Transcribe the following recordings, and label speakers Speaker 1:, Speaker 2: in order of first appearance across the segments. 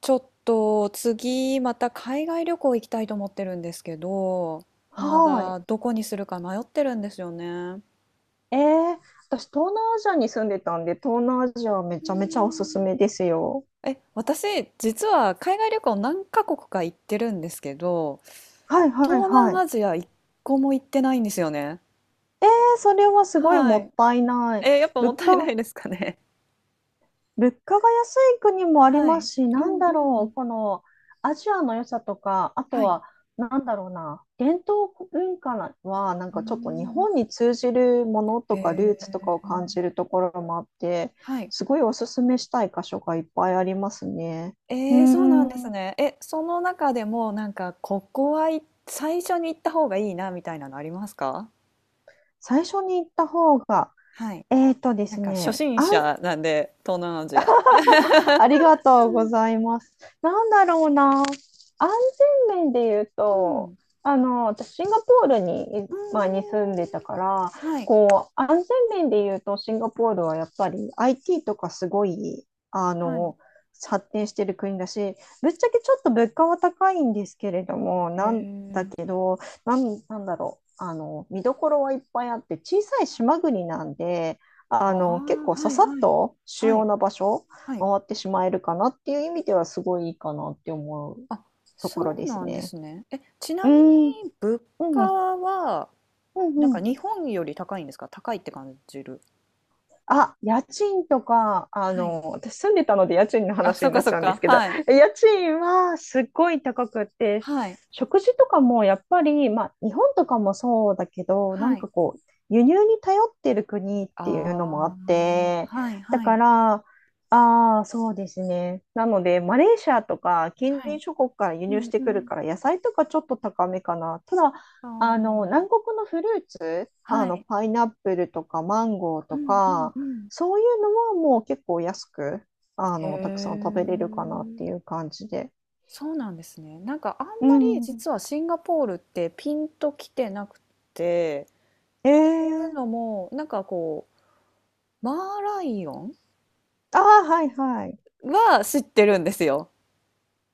Speaker 1: ちょっと次また海外旅行行きたいと思ってるんですけど、ま
Speaker 2: はい。
Speaker 1: だどこにするか迷ってるんですよね。う
Speaker 2: えー、私、東南アジアに住んでたんで、東南アジアはめ
Speaker 1: ー
Speaker 2: ちゃめちゃおすす
Speaker 1: ん。
Speaker 2: めですよ。
Speaker 1: え、私実は海外旅行何カ国か行ってるんですけど、
Speaker 2: はいはい
Speaker 1: 東
Speaker 2: は
Speaker 1: 南
Speaker 2: い。
Speaker 1: アジア一個も行ってないんですよね。
Speaker 2: えー、それはすごい
Speaker 1: は
Speaker 2: もっ
Speaker 1: い。
Speaker 2: たいない。
Speaker 1: え、やっぱ
Speaker 2: 物
Speaker 1: もったいな
Speaker 2: 価、
Speaker 1: いですかね。
Speaker 2: 物価が安い国もあり
Speaker 1: は
Speaker 2: ま
Speaker 1: い。
Speaker 2: すし、
Speaker 1: うんうん。
Speaker 2: このアジアの良さとか、あと
Speaker 1: はい。
Speaker 2: は、なんだろうな、伝統文化は、なん
Speaker 1: うー
Speaker 2: かちょっと日本
Speaker 1: ん。
Speaker 2: に通じるもの
Speaker 1: へ
Speaker 2: とか、
Speaker 1: え。
Speaker 2: ルーツとかを感じるところもあって、
Speaker 1: はい。
Speaker 2: すごいおすすめしたい箇所がいっぱいありますね。うー
Speaker 1: えーそうなんです
Speaker 2: ん。
Speaker 1: ね。え、その中でもなんかここは、最初に行った方がいいなみたいなのありますか？
Speaker 2: 最初に行った方が、
Speaker 1: はい。
Speaker 2: えーとで
Speaker 1: なん
Speaker 2: す
Speaker 1: か初
Speaker 2: ね、
Speaker 1: 心
Speaker 2: あ、
Speaker 1: 者なんで、東南アジア。
Speaker 2: ありがとうございます。なんだろうな、安全面で言う
Speaker 1: うん、う
Speaker 2: と、
Speaker 1: ん。
Speaker 2: 私、シンガポールに、
Speaker 1: うんう
Speaker 2: 住
Speaker 1: ん
Speaker 2: んでた
Speaker 1: うん。
Speaker 2: から、
Speaker 1: はい、
Speaker 2: こう、安全面で言うと、シンガポールはやっぱり IT とかすごい、あ
Speaker 1: はい。
Speaker 2: の、発展してる国だし、ぶっちゃけちょっと物価は高いんですけれども、
Speaker 1: へ
Speaker 2: なん
Speaker 1: え。
Speaker 2: なんなんだろうあの、見どころはいっぱいあって、小さい島国なんで、
Speaker 1: あ
Speaker 2: あの、結
Speaker 1: あ、
Speaker 2: 構
Speaker 1: は
Speaker 2: さ
Speaker 1: い
Speaker 2: さっ
Speaker 1: はい。
Speaker 2: と主
Speaker 1: は
Speaker 2: 要
Speaker 1: い、
Speaker 2: な場所
Speaker 1: はい。
Speaker 2: 回ってしまえるかなっていう意味ではすごいいいかなって思う
Speaker 1: あ、
Speaker 2: と
Speaker 1: そ
Speaker 2: ころ
Speaker 1: う
Speaker 2: で
Speaker 1: な
Speaker 2: す
Speaker 1: んで
Speaker 2: ね。
Speaker 1: すね。え、ち
Speaker 2: う
Speaker 1: なみ
Speaker 2: ん、う
Speaker 1: に物価
Speaker 2: ん、うん、
Speaker 1: は、
Speaker 2: う
Speaker 1: なんか
Speaker 2: ん。
Speaker 1: 日本より高いんですか？高いって感じる。
Speaker 2: あ、家賃とか、あ
Speaker 1: はい。
Speaker 2: の、私住んでたので家賃の
Speaker 1: あ、そ
Speaker 2: 話
Speaker 1: っ
Speaker 2: にな
Speaker 1: か
Speaker 2: っ
Speaker 1: そ
Speaker 2: ち
Speaker 1: っ
Speaker 2: ゃうんです
Speaker 1: か。
Speaker 2: けど、
Speaker 1: はい。
Speaker 2: 家賃はすっごい高くて、
Speaker 1: はい。
Speaker 2: 食事とかもやっぱり、まあ、日本とかもそうだけど、な
Speaker 1: は
Speaker 2: ん
Speaker 1: い。
Speaker 2: かこう、輸入に頼ってる国っていうの
Speaker 1: あ
Speaker 2: もあっ
Speaker 1: あ、
Speaker 2: て、
Speaker 1: はい
Speaker 2: だ
Speaker 1: は
Speaker 2: か
Speaker 1: い。
Speaker 2: ら、ああ、そうですね。なので、マレーシアとか近
Speaker 1: はい。
Speaker 2: 隣諸国から輸
Speaker 1: う
Speaker 2: 入し
Speaker 1: ん
Speaker 2: て
Speaker 1: う
Speaker 2: くる
Speaker 1: ん。
Speaker 2: から、野菜とかちょっと高めかな。ただ、あの、
Speaker 1: あ
Speaker 2: 南国のフルーツ、
Speaker 1: あ、
Speaker 2: あ
Speaker 1: は
Speaker 2: の、
Speaker 1: い。
Speaker 2: パイナップルとかマンゴー
Speaker 1: う
Speaker 2: と
Speaker 1: んうん
Speaker 2: か、
Speaker 1: うん。
Speaker 2: そういうのはもう結構安く、あ
Speaker 1: へ
Speaker 2: の、たくさん食べれるかなってい
Speaker 1: え。
Speaker 2: う感じで。
Speaker 1: そうなんですね。なんかあん
Speaker 2: う
Speaker 1: まり
Speaker 2: ん。
Speaker 1: 実はシンガポールってピンときてなくて、
Speaker 2: え
Speaker 1: という
Speaker 2: ー、
Speaker 1: のも、なんかこう、マーライオン
Speaker 2: ああ、はいはい。
Speaker 1: は知ってるんですよ。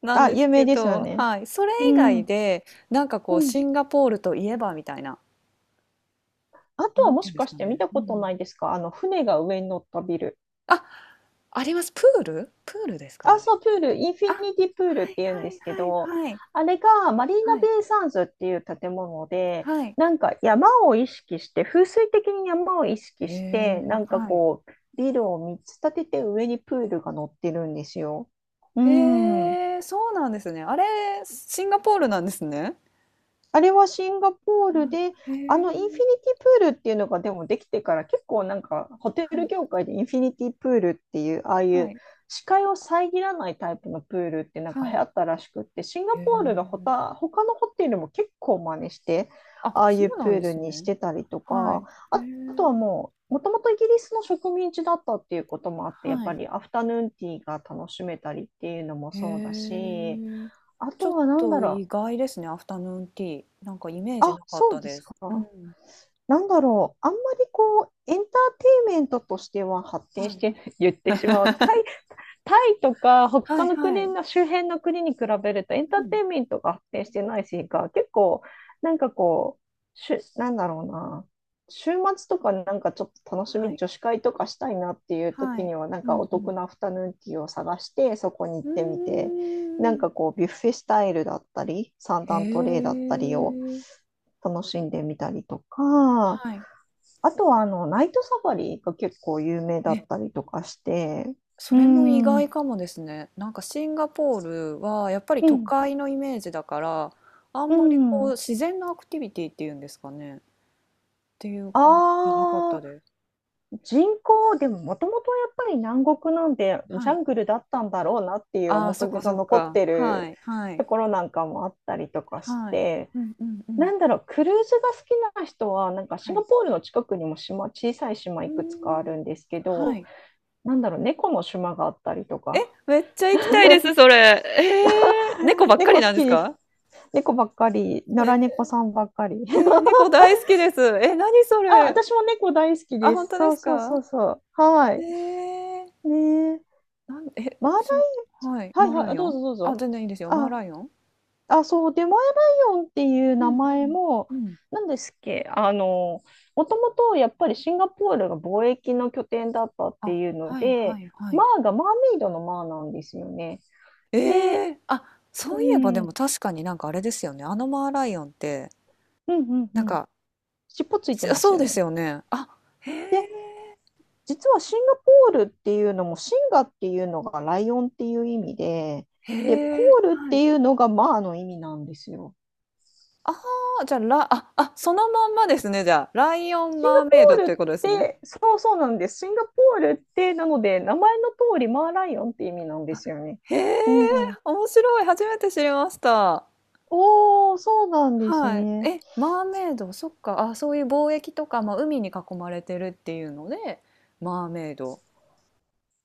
Speaker 1: なん
Speaker 2: あ、
Speaker 1: です
Speaker 2: 有名
Speaker 1: け
Speaker 2: ですよ
Speaker 1: ど、
Speaker 2: ね。
Speaker 1: はい。それ
Speaker 2: う
Speaker 1: 以外
Speaker 2: ん。
Speaker 1: で、なんか
Speaker 2: う
Speaker 1: こう、
Speaker 2: ん。
Speaker 1: シンガポールといえばみたいな。
Speaker 2: あと
Speaker 1: な
Speaker 2: は
Speaker 1: ん
Speaker 2: も
Speaker 1: ていう
Speaker 2: し
Speaker 1: んです
Speaker 2: かし
Speaker 1: か
Speaker 2: て見
Speaker 1: ね。
Speaker 2: た
Speaker 1: う
Speaker 2: ことな
Speaker 1: ん。
Speaker 2: いですか、あの、船が上に乗ったビル。
Speaker 1: あ、あります。プールですか？あ、
Speaker 2: あ、そう、プール、インフィニティプールっ
Speaker 1: は
Speaker 2: て
Speaker 1: い
Speaker 2: 言うん
Speaker 1: は
Speaker 2: で
Speaker 1: い
Speaker 2: すけど、
Speaker 1: はいはい。
Speaker 2: あれがマリー
Speaker 1: は
Speaker 2: ナ
Speaker 1: い、
Speaker 2: ベイサンズっていう建物で、
Speaker 1: はい。
Speaker 2: なんか山を意識して、風水的に山を意識
Speaker 1: へ
Speaker 2: して、な
Speaker 1: え、
Speaker 2: んか
Speaker 1: はい。
Speaker 2: こう、ビルを3つ建てて上にプールが乗ってるんですよ。うん。
Speaker 1: へえ、そうなんですね。あれ、シンガポールなんですね。
Speaker 2: あれはシンガポー
Speaker 1: う
Speaker 2: ル
Speaker 1: ん、
Speaker 2: で、
Speaker 1: へ
Speaker 2: あ
Speaker 1: え、
Speaker 2: のインフィニティプールっていうのがでもできてから、結構なんかホテ
Speaker 1: は
Speaker 2: ル
Speaker 1: い
Speaker 2: 業界でインフィニティプールっていうああい
Speaker 1: は
Speaker 2: う
Speaker 1: い
Speaker 2: 視界を遮らないタイプのプールってなんか
Speaker 1: は
Speaker 2: 流行
Speaker 1: い。
Speaker 2: ったらしくって、シンガ
Speaker 1: へ
Speaker 2: ポールの
Speaker 1: え。
Speaker 2: 他のホテルも結構真似して
Speaker 1: あ、
Speaker 2: ああ
Speaker 1: そ
Speaker 2: いう
Speaker 1: う
Speaker 2: プ
Speaker 1: なん
Speaker 2: ー
Speaker 1: で
Speaker 2: ル
Speaker 1: す
Speaker 2: にし
Speaker 1: ね。
Speaker 2: てたりと
Speaker 1: はい。
Speaker 2: か、
Speaker 1: へ
Speaker 2: ああとは
Speaker 1: え、
Speaker 2: もうもともとイギリスの植民地だったっていうこともあって、やっ
Speaker 1: は
Speaker 2: ぱ
Speaker 1: い。
Speaker 2: りアフタヌーンティーが楽しめたりっていうのも
Speaker 1: へ
Speaker 2: そうだし、
Speaker 1: え。
Speaker 2: あ
Speaker 1: ちょ
Speaker 2: と
Speaker 1: っ
Speaker 2: はなんだ
Speaker 1: と
Speaker 2: ろ
Speaker 1: 意外ですね、アフタヌーンティー。なんか
Speaker 2: う、
Speaker 1: イメージ
Speaker 2: あ、
Speaker 1: なかっ
Speaker 2: そう
Speaker 1: た
Speaker 2: で
Speaker 1: で
Speaker 2: す
Speaker 1: す。
Speaker 2: か。
Speaker 1: うん。
Speaker 2: なんだろう、あんまりこう、エンターテインメントとしては発展
Speaker 1: は
Speaker 2: し
Speaker 1: い。
Speaker 2: てない 言ってしまう。タイとか
Speaker 1: は
Speaker 2: 他
Speaker 1: い
Speaker 2: の
Speaker 1: は
Speaker 2: 国
Speaker 1: い。
Speaker 2: の周辺の国に比べるとエンタ
Speaker 1: う
Speaker 2: ーテ
Speaker 1: ん。
Speaker 2: インメントが発展してないしか、結構、なんかこう、なんだろうな、週末とかなんかちょっと楽し
Speaker 1: は
Speaker 2: み、
Speaker 1: い。
Speaker 2: 女子会とかしたいなっていう
Speaker 1: は
Speaker 2: 時
Speaker 1: い。
Speaker 2: には、なん
Speaker 1: う
Speaker 2: か
Speaker 1: んう
Speaker 2: お得
Speaker 1: ん。
Speaker 2: なアフタヌーンティーを探して、そこに行ってみ
Speaker 1: うー
Speaker 2: て、なん
Speaker 1: ん。
Speaker 2: かこう、ビュッフェスタイルだったり、三
Speaker 1: へ
Speaker 2: 段トレイだったりを
Speaker 1: え。
Speaker 2: 楽しんでみたりとか、
Speaker 1: はい。
Speaker 2: あとはあの、ナイトサファリが結構有名だっ
Speaker 1: え、
Speaker 2: たりとかして、
Speaker 1: そ
Speaker 2: うー
Speaker 1: れも意
Speaker 2: ん、
Speaker 1: 外
Speaker 2: う
Speaker 1: かもですね。なんかシンガポールはやっぱり
Speaker 2: ん、
Speaker 1: 都会のイメージだから、あん
Speaker 2: う
Speaker 1: まりこう
Speaker 2: ん。
Speaker 1: 自然のアクティビティっていうんですかね。っていう感じじゃなかっ
Speaker 2: あ
Speaker 1: た
Speaker 2: あ、
Speaker 1: です。
Speaker 2: 人口、でももともとやっぱり南国なんでジ
Speaker 1: は
Speaker 2: ャ
Speaker 1: い。
Speaker 2: ングルだったんだろうなっていう
Speaker 1: ああ、
Speaker 2: 面
Speaker 1: そっ
Speaker 2: 影
Speaker 1: か
Speaker 2: が
Speaker 1: そっ
Speaker 2: 残っ
Speaker 1: か。
Speaker 2: て
Speaker 1: は
Speaker 2: る
Speaker 1: い、はい、
Speaker 2: ところなんかもあったりとかし
Speaker 1: はい。
Speaker 2: て、
Speaker 1: うんうんうん。
Speaker 2: なんだろう、クルーズが好きな人は、なんかシ
Speaker 1: は
Speaker 2: ンガ
Speaker 1: い。
Speaker 2: ポールの近くにも島、小さい島
Speaker 1: う
Speaker 2: い
Speaker 1: ー
Speaker 2: くつかあ
Speaker 1: ん。
Speaker 2: るんですけ
Speaker 1: は
Speaker 2: ど、
Speaker 1: い。
Speaker 2: なんだろう、猫の島があったりと
Speaker 1: え、
Speaker 2: か、
Speaker 1: めっちゃ行きたいです、それ。えー、猫 ばっかり
Speaker 2: 猫好
Speaker 1: なんで
Speaker 2: き
Speaker 1: す
Speaker 2: です、
Speaker 1: か？
Speaker 2: 猫ばっかり、野良
Speaker 1: え
Speaker 2: 猫さんばっかり。
Speaker 1: ー、え ー猫大好きです。え、何そ
Speaker 2: あ、
Speaker 1: れ。
Speaker 2: 私も猫大好き
Speaker 1: あ、
Speaker 2: で
Speaker 1: 本
Speaker 2: す。
Speaker 1: 当で
Speaker 2: そう
Speaker 1: す
Speaker 2: そうそ
Speaker 1: か？
Speaker 2: うそう。は
Speaker 1: え
Speaker 2: い。
Speaker 1: え、
Speaker 2: ねえ。
Speaker 1: なん、え、
Speaker 2: マーライ
Speaker 1: そう、はい、
Speaker 2: はい
Speaker 1: マー
Speaker 2: はい、
Speaker 1: ラ
Speaker 2: あ、
Speaker 1: イオ
Speaker 2: どう
Speaker 1: ン？
Speaker 2: ぞどう
Speaker 1: あ、
Speaker 2: ぞ。
Speaker 1: 全然いいですよ。マー
Speaker 2: あ、
Speaker 1: ライオン？
Speaker 2: あ、そう、デマエライオンっていう
Speaker 1: う
Speaker 2: 名
Speaker 1: んう
Speaker 2: 前
Speaker 1: ん。
Speaker 2: も、
Speaker 1: うん。
Speaker 2: なんですっけ、あの、もともとやっぱりシンガポールが貿易の拠点だったって
Speaker 1: あ、
Speaker 2: いうの
Speaker 1: はい
Speaker 2: で、
Speaker 1: はいは
Speaker 2: マ
Speaker 1: い。
Speaker 2: ーがマーメイドのマーなんですよね。
Speaker 1: え
Speaker 2: で、
Speaker 1: え、あ、
Speaker 2: う
Speaker 1: そういえばで
Speaker 2: ん、う
Speaker 1: も
Speaker 2: ん、
Speaker 1: 確かになんかあれですよね。あのマーライオンって、
Speaker 2: うん、う
Speaker 1: なん
Speaker 2: ん。
Speaker 1: か、
Speaker 2: 尻尾ついて
Speaker 1: そ
Speaker 2: ます
Speaker 1: そう
Speaker 2: よ
Speaker 1: です
Speaker 2: ね。
Speaker 1: よね。あ、へえ、
Speaker 2: で、実はシンガポールっていうのも、シンガっていうのがライオンっていう意味で、
Speaker 1: へ
Speaker 2: で、ポ
Speaker 1: え、
Speaker 2: ールっ
Speaker 1: はい。
Speaker 2: ていうのがまあの意味なんですよ。
Speaker 1: じゃあ、らあ、あ、そのまんまですね、じゃあ。ライオン、
Speaker 2: シンガ
Speaker 1: マ
Speaker 2: ポ
Speaker 1: ーメイドっ
Speaker 2: ー
Speaker 1: てい
Speaker 2: ル
Speaker 1: う
Speaker 2: っ
Speaker 1: ことですね。
Speaker 2: て、そうそうなんです。シンガポールって、なので、名前の通りマーライオンって意味なんで
Speaker 1: あ、
Speaker 2: すよね。
Speaker 1: へえ、
Speaker 2: うん。
Speaker 1: 面白い、初めて知りました。
Speaker 2: おー、そうなんです
Speaker 1: はい。
Speaker 2: ね。
Speaker 1: え、マーメイド、そっか。あ、そういう貿易とか、まあ、海に囲まれてるっていうので、マーメイド。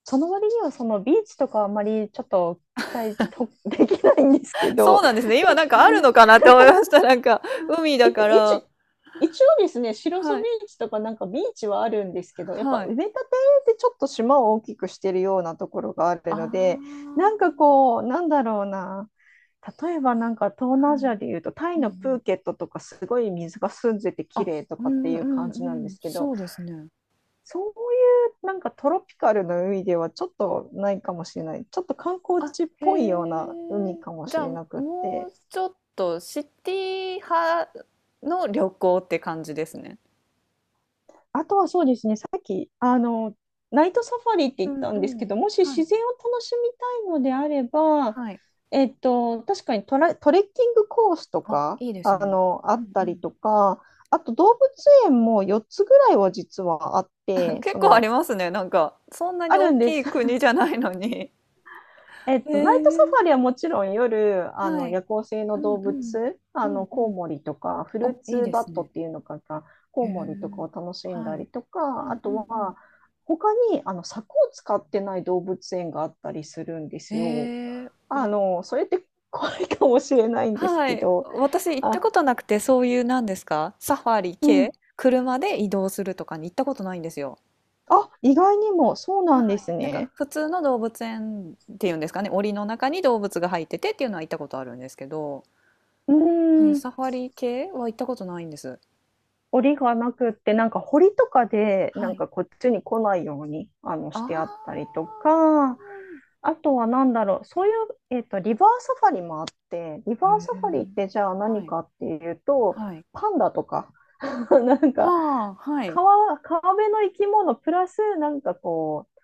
Speaker 2: その割にはそのビーチとかあんまりちょっと期待と できないんですけ
Speaker 1: そ
Speaker 2: ど、
Speaker 1: うなんですね。今なんかあるのかなって思いました。なんか、海
Speaker 2: え
Speaker 1: だ
Speaker 2: っと、
Speaker 1: から。
Speaker 2: 一応ですね、白磯
Speaker 1: は
Speaker 2: ビ
Speaker 1: い。
Speaker 2: ーチとかなんかビーチはあるんですけど、やっぱ
Speaker 1: は
Speaker 2: 埋
Speaker 1: い。
Speaker 2: め立てでちょっと島を大きくしてるようなところがある
Speaker 1: あ
Speaker 2: ので、
Speaker 1: あ。
Speaker 2: なんかこう、なんだろうな、例えばなんか東南ア
Speaker 1: は
Speaker 2: ジ
Speaker 1: い。
Speaker 2: アでいうと、タイ
Speaker 1: うん
Speaker 2: の
Speaker 1: う
Speaker 2: プ
Speaker 1: ん。
Speaker 2: ーケットとかすごい水が澄んでて綺
Speaker 1: あ、
Speaker 2: 麗と
Speaker 1: う
Speaker 2: かって
Speaker 1: ん
Speaker 2: い
Speaker 1: う
Speaker 2: う
Speaker 1: ん
Speaker 2: 感じ
Speaker 1: う
Speaker 2: なんで
Speaker 1: ん。
Speaker 2: すけど、
Speaker 1: そうですね。
Speaker 2: そういうなんかトロピカルの海ではちょっとないかもしれない、ちょっと観光
Speaker 1: あ、
Speaker 2: 地っ
Speaker 1: へ
Speaker 2: ぽいような海
Speaker 1: え。
Speaker 2: かも
Speaker 1: じ
Speaker 2: し
Speaker 1: ゃあ、
Speaker 2: れ
Speaker 1: も
Speaker 2: なくって。
Speaker 1: うちょっとシティ派の旅行って感じですね。
Speaker 2: あとはそうですね、さっき、あの、ナイトサファリって
Speaker 1: う
Speaker 2: 言っ
Speaker 1: ん
Speaker 2: た
Speaker 1: う
Speaker 2: んですけ
Speaker 1: ん。
Speaker 2: ど、もし
Speaker 1: は
Speaker 2: 自
Speaker 1: い。
Speaker 2: 然を楽しみたいのであれば、
Speaker 1: はい。
Speaker 2: えっと、確かにトレッキングコースと
Speaker 1: あ、
Speaker 2: か、
Speaker 1: いいです
Speaker 2: あ
Speaker 1: ね。
Speaker 2: の、あ
Speaker 1: う
Speaker 2: っ
Speaker 1: ん
Speaker 2: た
Speaker 1: う
Speaker 2: り
Speaker 1: ん。
Speaker 2: とか、あと動物園も4つぐらいは実はあっ て、
Speaker 1: 結
Speaker 2: そ
Speaker 1: 構あり
Speaker 2: の、
Speaker 1: ますね。なんか、そんなに
Speaker 2: ある
Speaker 1: 大
Speaker 2: んで
Speaker 1: きい
Speaker 2: す。
Speaker 1: 国じゃないのに。
Speaker 2: えっ
Speaker 1: へ
Speaker 2: と、ナイト
Speaker 1: え、
Speaker 2: サファリはもちろん夜、あ
Speaker 1: は
Speaker 2: の
Speaker 1: い。
Speaker 2: 夜行性
Speaker 1: う
Speaker 2: の
Speaker 1: ん
Speaker 2: 動
Speaker 1: うん。
Speaker 2: 物、
Speaker 1: う
Speaker 2: あ
Speaker 1: ん
Speaker 2: の
Speaker 1: う
Speaker 2: コウ
Speaker 1: ん。
Speaker 2: モリとか、フ
Speaker 1: お、
Speaker 2: ルー
Speaker 1: いい
Speaker 2: ツ
Speaker 1: で
Speaker 2: バ
Speaker 1: す
Speaker 2: ット
Speaker 1: ね。
Speaker 2: っていうのかな、コ
Speaker 1: へ
Speaker 2: ウモリと
Speaker 1: え。
Speaker 2: かを楽しん
Speaker 1: は
Speaker 2: だ
Speaker 1: い。
Speaker 2: りと
Speaker 1: う
Speaker 2: か、あ
Speaker 1: んうん
Speaker 2: と
Speaker 1: うん。
Speaker 2: は、他にあの柵を使ってない動物園があったりするんで
Speaker 1: え
Speaker 2: すよ。
Speaker 1: え、
Speaker 2: あの、それって怖いかもしれないんです
Speaker 1: は
Speaker 2: け
Speaker 1: い。
Speaker 2: ど、
Speaker 1: 私行った
Speaker 2: あ、
Speaker 1: ことなくて、そういうなんですか、サファリ
Speaker 2: う
Speaker 1: 系、
Speaker 2: ん。
Speaker 1: 車で移動するとかに行ったことないんですよ。
Speaker 2: あ、意外にもそうなんで
Speaker 1: はい。
Speaker 2: す
Speaker 1: なんか
Speaker 2: ね。
Speaker 1: 普通の動物園っていうんですかね、檻の中に動物が入っててっていうのは行ったことあるんですけど。
Speaker 2: う
Speaker 1: そういう
Speaker 2: ーん。
Speaker 1: サファリ系は行ったことないんです。
Speaker 2: 檻がなくって、なんか堀とかで、な
Speaker 1: は
Speaker 2: ん
Speaker 1: い。
Speaker 2: かこっちに来ないように、あの、
Speaker 1: あ
Speaker 2: してあっ
Speaker 1: あ。
Speaker 2: たりとか、あとはなんだろう、そういう、えっと、リバーサファリもあって、リバ
Speaker 1: へ
Speaker 2: ーサファ
Speaker 1: え。
Speaker 2: リってじゃあ
Speaker 1: は
Speaker 2: 何
Speaker 1: い、
Speaker 2: かっていうと、
Speaker 1: はい。
Speaker 2: パンダとか、なんか
Speaker 1: はあ、はい。
Speaker 2: 川辺の生き物プラス、なんかこう、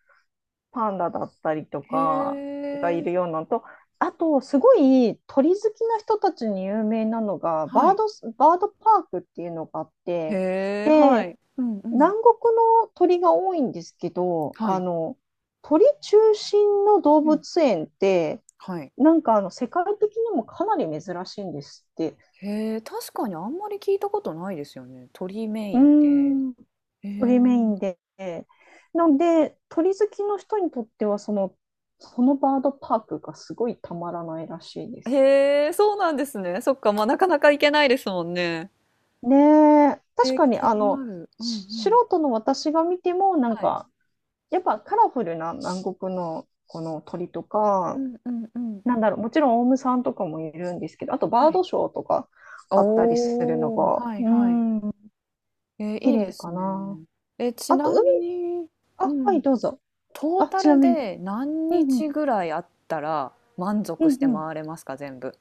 Speaker 2: パンダだったりと
Speaker 1: へ
Speaker 2: かがい
Speaker 1: え、
Speaker 2: るようなのと、あと、すごい鳥好きな人たちに有名なのが、
Speaker 1: はい。
Speaker 2: バードパークっていうのがあって、
Speaker 1: へえ、は
Speaker 2: で、
Speaker 1: い。うんう
Speaker 2: 南
Speaker 1: ん。
Speaker 2: 国の鳥が多いんですけど、
Speaker 1: は
Speaker 2: あ
Speaker 1: い。
Speaker 2: の、鳥中心の動
Speaker 1: うん。
Speaker 2: 物園って、
Speaker 1: はい。
Speaker 2: なんかあの、世界的にもかなり珍しいんですって。
Speaker 1: へえ、確かにあんまり聞いたことないですよね。鳥メ
Speaker 2: うー
Speaker 1: インで。
Speaker 2: ん、
Speaker 1: へ
Speaker 2: 鳥メイ
Speaker 1: え。
Speaker 2: ンで。なので、鳥好きの人にとっては、その、そのバードパークがすごいたまらないらしいです。
Speaker 1: へえ、そうなんですね。そっか、まあ、なかなか行けないですもんね。
Speaker 2: ねえ、
Speaker 1: え
Speaker 2: 確
Speaker 1: ー、
Speaker 2: かに
Speaker 1: 気
Speaker 2: あ
Speaker 1: に
Speaker 2: の、
Speaker 1: なる。うんう
Speaker 2: 素
Speaker 1: ん。
Speaker 2: 人の私が見ても、なん
Speaker 1: はい。
Speaker 2: か、やっぱカラフルな南国のこの鳥と
Speaker 1: う
Speaker 2: か、
Speaker 1: んうんうん。
Speaker 2: なんだろう、もちろんオウムさんとかもいるんですけど、あと
Speaker 1: は
Speaker 2: バード
Speaker 1: い。
Speaker 2: ショーとかあったりするの
Speaker 1: おお、
Speaker 2: が、う
Speaker 1: はい
Speaker 2: ー
Speaker 1: はい。
Speaker 2: ん、
Speaker 1: えー、
Speaker 2: 綺
Speaker 1: いいで
Speaker 2: 麗
Speaker 1: す
Speaker 2: か
Speaker 1: ね。
Speaker 2: な。
Speaker 1: え、ち
Speaker 2: あと
Speaker 1: な
Speaker 2: 海、
Speaker 1: みに、
Speaker 2: あ、
Speaker 1: う
Speaker 2: はい、
Speaker 1: ん、
Speaker 2: どうぞ。
Speaker 1: トー
Speaker 2: あ、
Speaker 1: タ
Speaker 2: ちな
Speaker 1: ル
Speaker 2: みに。
Speaker 1: で何
Speaker 2: うんう
Speaker 1: 日
Speaker 2: ん、
Speaker 1: ぐらいあったら満
Speaker 2: う
Speaker 1: 足し
Speaker 2: ん
Speaker 1: て
Speaker 2: うん。
Speaker 1: 回れますか、全部。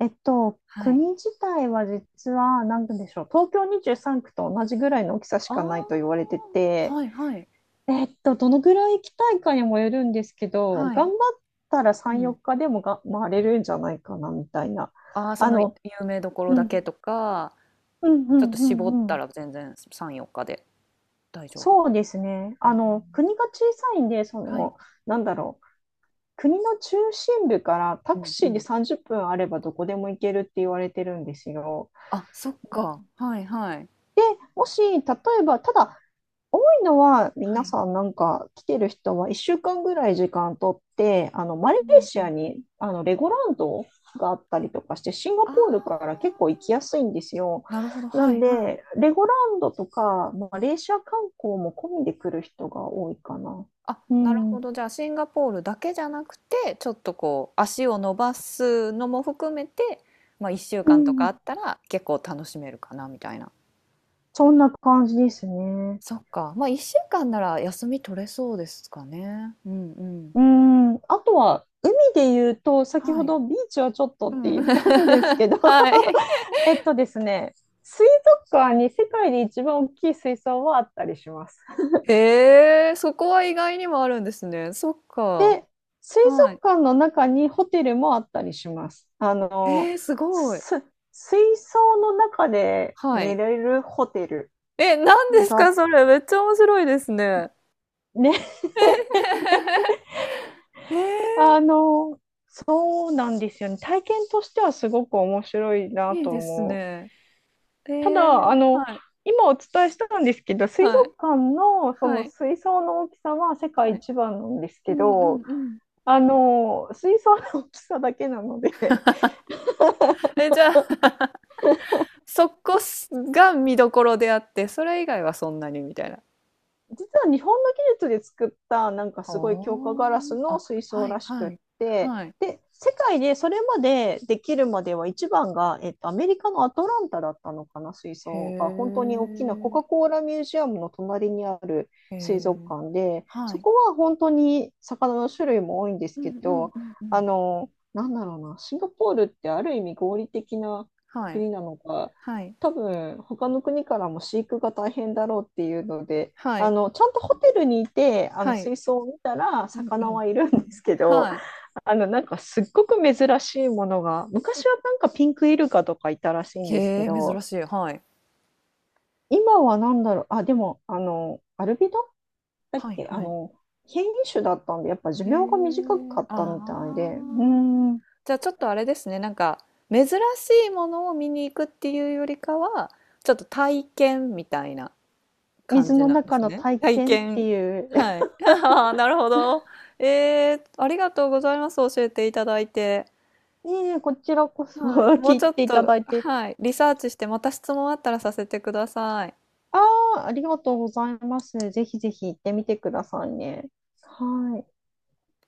Speaker 1: はい。
Speaker 2: 国自体は実は、なんでしょう、東京23区と同じぐらいの大きさし
Speaker 1: あ
Speaker 2: かないと言われて
Speaker 1: あ、
Speaker 2: て、
Speaker 1: はいはい
Speaker 2: どのぐらい行きたいかにもよるんですけど、
Speaker 1: は
Speaker 2: 頑
Speaker 1: い。
Speaker 2: 張ったら
Speaker 1: う
Speaker 2: 3、
Speaker 1: ん。
Speaker 2: 4日でもが回れるんじゃないかな、みたいな。
Speaker 1: ああ、そ
Speaker 2: あ
Speaker 1: の有
Speaker 2: の、
Speaker 1: 名どころ
Speaker 2: う
Speaker 1: だけ
Speaker 2: ん、
Speaker 1: とか、
Speaker 2: うん、う
Speaker 1: ちょっと
Speaker 2: ん、
Speaker 1: 絞っ
Speaker 2: う
Speaker 1: た
Speaker 2: ん、
Speaker 1: ら全然3、4日で大丈夫。
Speaker 2: そうですね。
Speaker 1: へ
Speaker 2: あの、
Speaker 1: ー
Speaker 2: 国が小さいんで、そ
Speaker 1: はい。
Speaker 2: の、なんだろう、国の中心部からタ
Speaker 1: う
Speaker 2: ク
Speaker 1: ん
Speaker 2: シ
Speaker 1: う
Speaker 2: ーで
Speaker 1: ん。
Speaker 2: 30分あればどこでも行けるって言われてるんですよ。
Speaker 1: あ、そっか。はいはい。
Speaker 2: もし、例えば、ただ、多いのは、
Speaker 1: は
Speaker 2: 皆
Speaker 1: い。
Speaker 2: さんなんか来てる人は1週間ぐらい時間とって、あの、マレー
Speaker 1: うんう
Speaker 2: シア
Speaker 1: ん。
Speaker 2: に、あの、レゴランドがあったりとかして、シンガ
Speaker 1: あ
Speaker 2: ポールから結構行き
Speaker 1: あ、
Speaker 2: やすいんですよ。
Speaker 1: なるほど。
Speaker 2: な
Speaker 1: は
Speaker 2: ん
Speaker 1: いはい。
Speaker 2: で、レゴランドとか、マレーシア観光も込みで来る人が多いかな。
Speaker 1: あ、
Speaker 2: う
Speaker 1: なる
Speaker 2: ん。
Speaker 1: ほど。じゃあシンガポールだけじゃなくて、ちょっとこう足を伸ばすのも含めて、まあ1週
Speaker 2: う
Speaker 1: 間とかあ
Speaker 2: ん、
Speaker 1: ったら結構楽しめるかなみたいな。
Speaker 2: そんな感じですね。
Speaker 1: そっか。まあ1週間なら休み取れそうですかね。うんうん。
Speaker 2: うん、あとは海で言うと、先
Speaker 1: は
Speaker 2: ほ
Speaker 1: い。
Speaker 2: どビーチはちょっと
Speaker 1: う
Speaker 2: って
Speaker 1: ん。
Speaker 2: 言ったんですけど、
Speaker 1: はい。
Speaker 2: えっとですね、水族館に世界で一番大きい水槽はあったりします。
Speaker 1: へえ、そこは意外にもあるんですね。そっか。
Speaker 2: で、水
Speaker 1: はい。
Speaker 2: 族館の中にホテルもあったりします。あの、
Speaker 1: えー、すごい。
Speaker 2: す水槽の中で
Speaker 1: は
Speaker 2: 寝
Speaker 1: い。
Speaker 2: れるホテル
Speaker 1: え、何です
Speaker 2: が
Speaker 1: かそれ。めっちゃ面白いですね。
Speaker 2: ね、
Speaker 1: え
Speaker 2: あの、そうなんですよね。体験としてはすごく面白い
Speaker 1: ー、
Speaker 2: な
Speaker 1: いい
Speaker 2: と
Speaker 1: です
Speaker 2: 思う。
Speaker 1: ね。え
Speaker 2: た
Speaker 1: ー、
Speaker 2: だ、あの、
Speaker 1: はい。
Speaker 2: 今お伝えしたんですけど、水
Speaker 1: はい。
Speaker 2: 族館のそ
Speaker 1: は
Speaker 2: の
Speaker 1: い、
Speaker 2: 水槽の大きさは世界
Speaker 1: はい。
Speaker 2: 一番なんです
Speaker 1: う
Speaker 2: け
Speaker 1: んうん
Speaker 2: ど、
Speaker 1: うん。
Speaker 2: あの、水槽の大きさだけなので、
Speaker 1: え、じゃあ、そこすが見どころであって、それ以外はそんなにみたいな。
Speaker 2: 実は日本の技術で作ったなんか
Speaker 1: は
Speaker 2: すごい強化ガラス
Speaker 1: あ。
Speaker 2: の
Speaker 1: あ、
Speaker 2: 水槽
Speaker 1: はい
Speaker 2: らしく
Speaker 1: は
Speaker 2: っ
Speaker 1: い。
Speaker 2: て、
Speaker 1: はい。
Speaker 2: で、世界でそれまでできるまでは一番が、アメリカのアトランタだったのかな、水
Speaker 1: へ
Speaker 2: 槽が本当に大きなコ
Speaker 1: え。
Speaker 2: カ・コーラミュージアムの隣にある
Speaker 1: へ
Speaker 2: 水族
Speaker 1: え。
Speaker 2: 館で、
Speaker 1: は
Speaker 2: そ
Speaker 1: い。
Speaker 2: こは本当に魚の種類も多いんです
Speaker 1: う
Speaker 2: け
Speaker 1: んうん
Speaker 2: ど、
Speaker 1: うんう
Speaker 2: あ
Speaker 1: ん。
Speaker 2: の、なんだろうな、シンガポールってある意味合理的な
Speaker 1: はい。
Speaker 2: 国なのか、
Speaker 1: はい。
Speaker 2: 多分他の国からも飼育が大変だろうっていうので。
Speaker 1: はい。
Speaker 2: あの、ちゃんとホテルにいてあの
Speaker 1: はい。
Speaker 2: 水槽を見たら
Speaker 1: うんう
Speaker 2: 魚
Speaker 1: ん。
Speaker 2: はいるんですけど、
Speaker 1: はい。
Speaker 2: あのなんかすっごく珍しいものが、昔はなんかピンクイルカとかいたらしいんです
Speaker 1: へ
Speaker 2: け
Speaker 1: え、珍
Speaker 2: ど、
Speaker 1: しい。はい。
Speaker 2: 今はなんだろう、あ、でも、あのアルビドだっ
Speaker 1: はい
Speaker 2: けあ
Speaker 1: はい。
Speaker 2: の変異種だったんで、やっぱ寿
Speaker 1: へ
Speaker 2: 命が短
Speaker 1: え、
Speaker 2: かっ
Speaker 1: あ
Speaker 2: たみたいで、う
Speaker 1: あ。
Speaker 2: ーん、
Speaker 1: じゃあちょっとあれですね、なんか珍しいものを見に行くっていうよりかは、ちょっと体験みたいな感
Speaker 2: 水
Speaker 1: じ
Speaker 2: の
Speaker 1: なんで
Speaker 2: 中
Speaker 1: す
Speaker 2: の
Speaker 1: ね。
Speaker 2: 体
Speaker 1: 体
Speaker 2: 験って
Speaker 1: 験。
Speaker 2: いう
Speaker 1: は い。ああ、なるほど。えー、ありがとうございます。教えていただいて。
Speaker 2: ねえ、こちらこそ
Speaker 1: はい。も
Speaker 2: 聞
Speaker 1: う
Speaker 2: い
Speaker 1: ちょっ
Speaker 2: ていた
Speaker 1: と、
Speaker 2: だいて、
Speaker 1: はい。リサーチしてまた質問あったらさせてください。
Speaker 2: ああ、ありがとうございます、ぜひぜひ行ってみてくださいね。はい。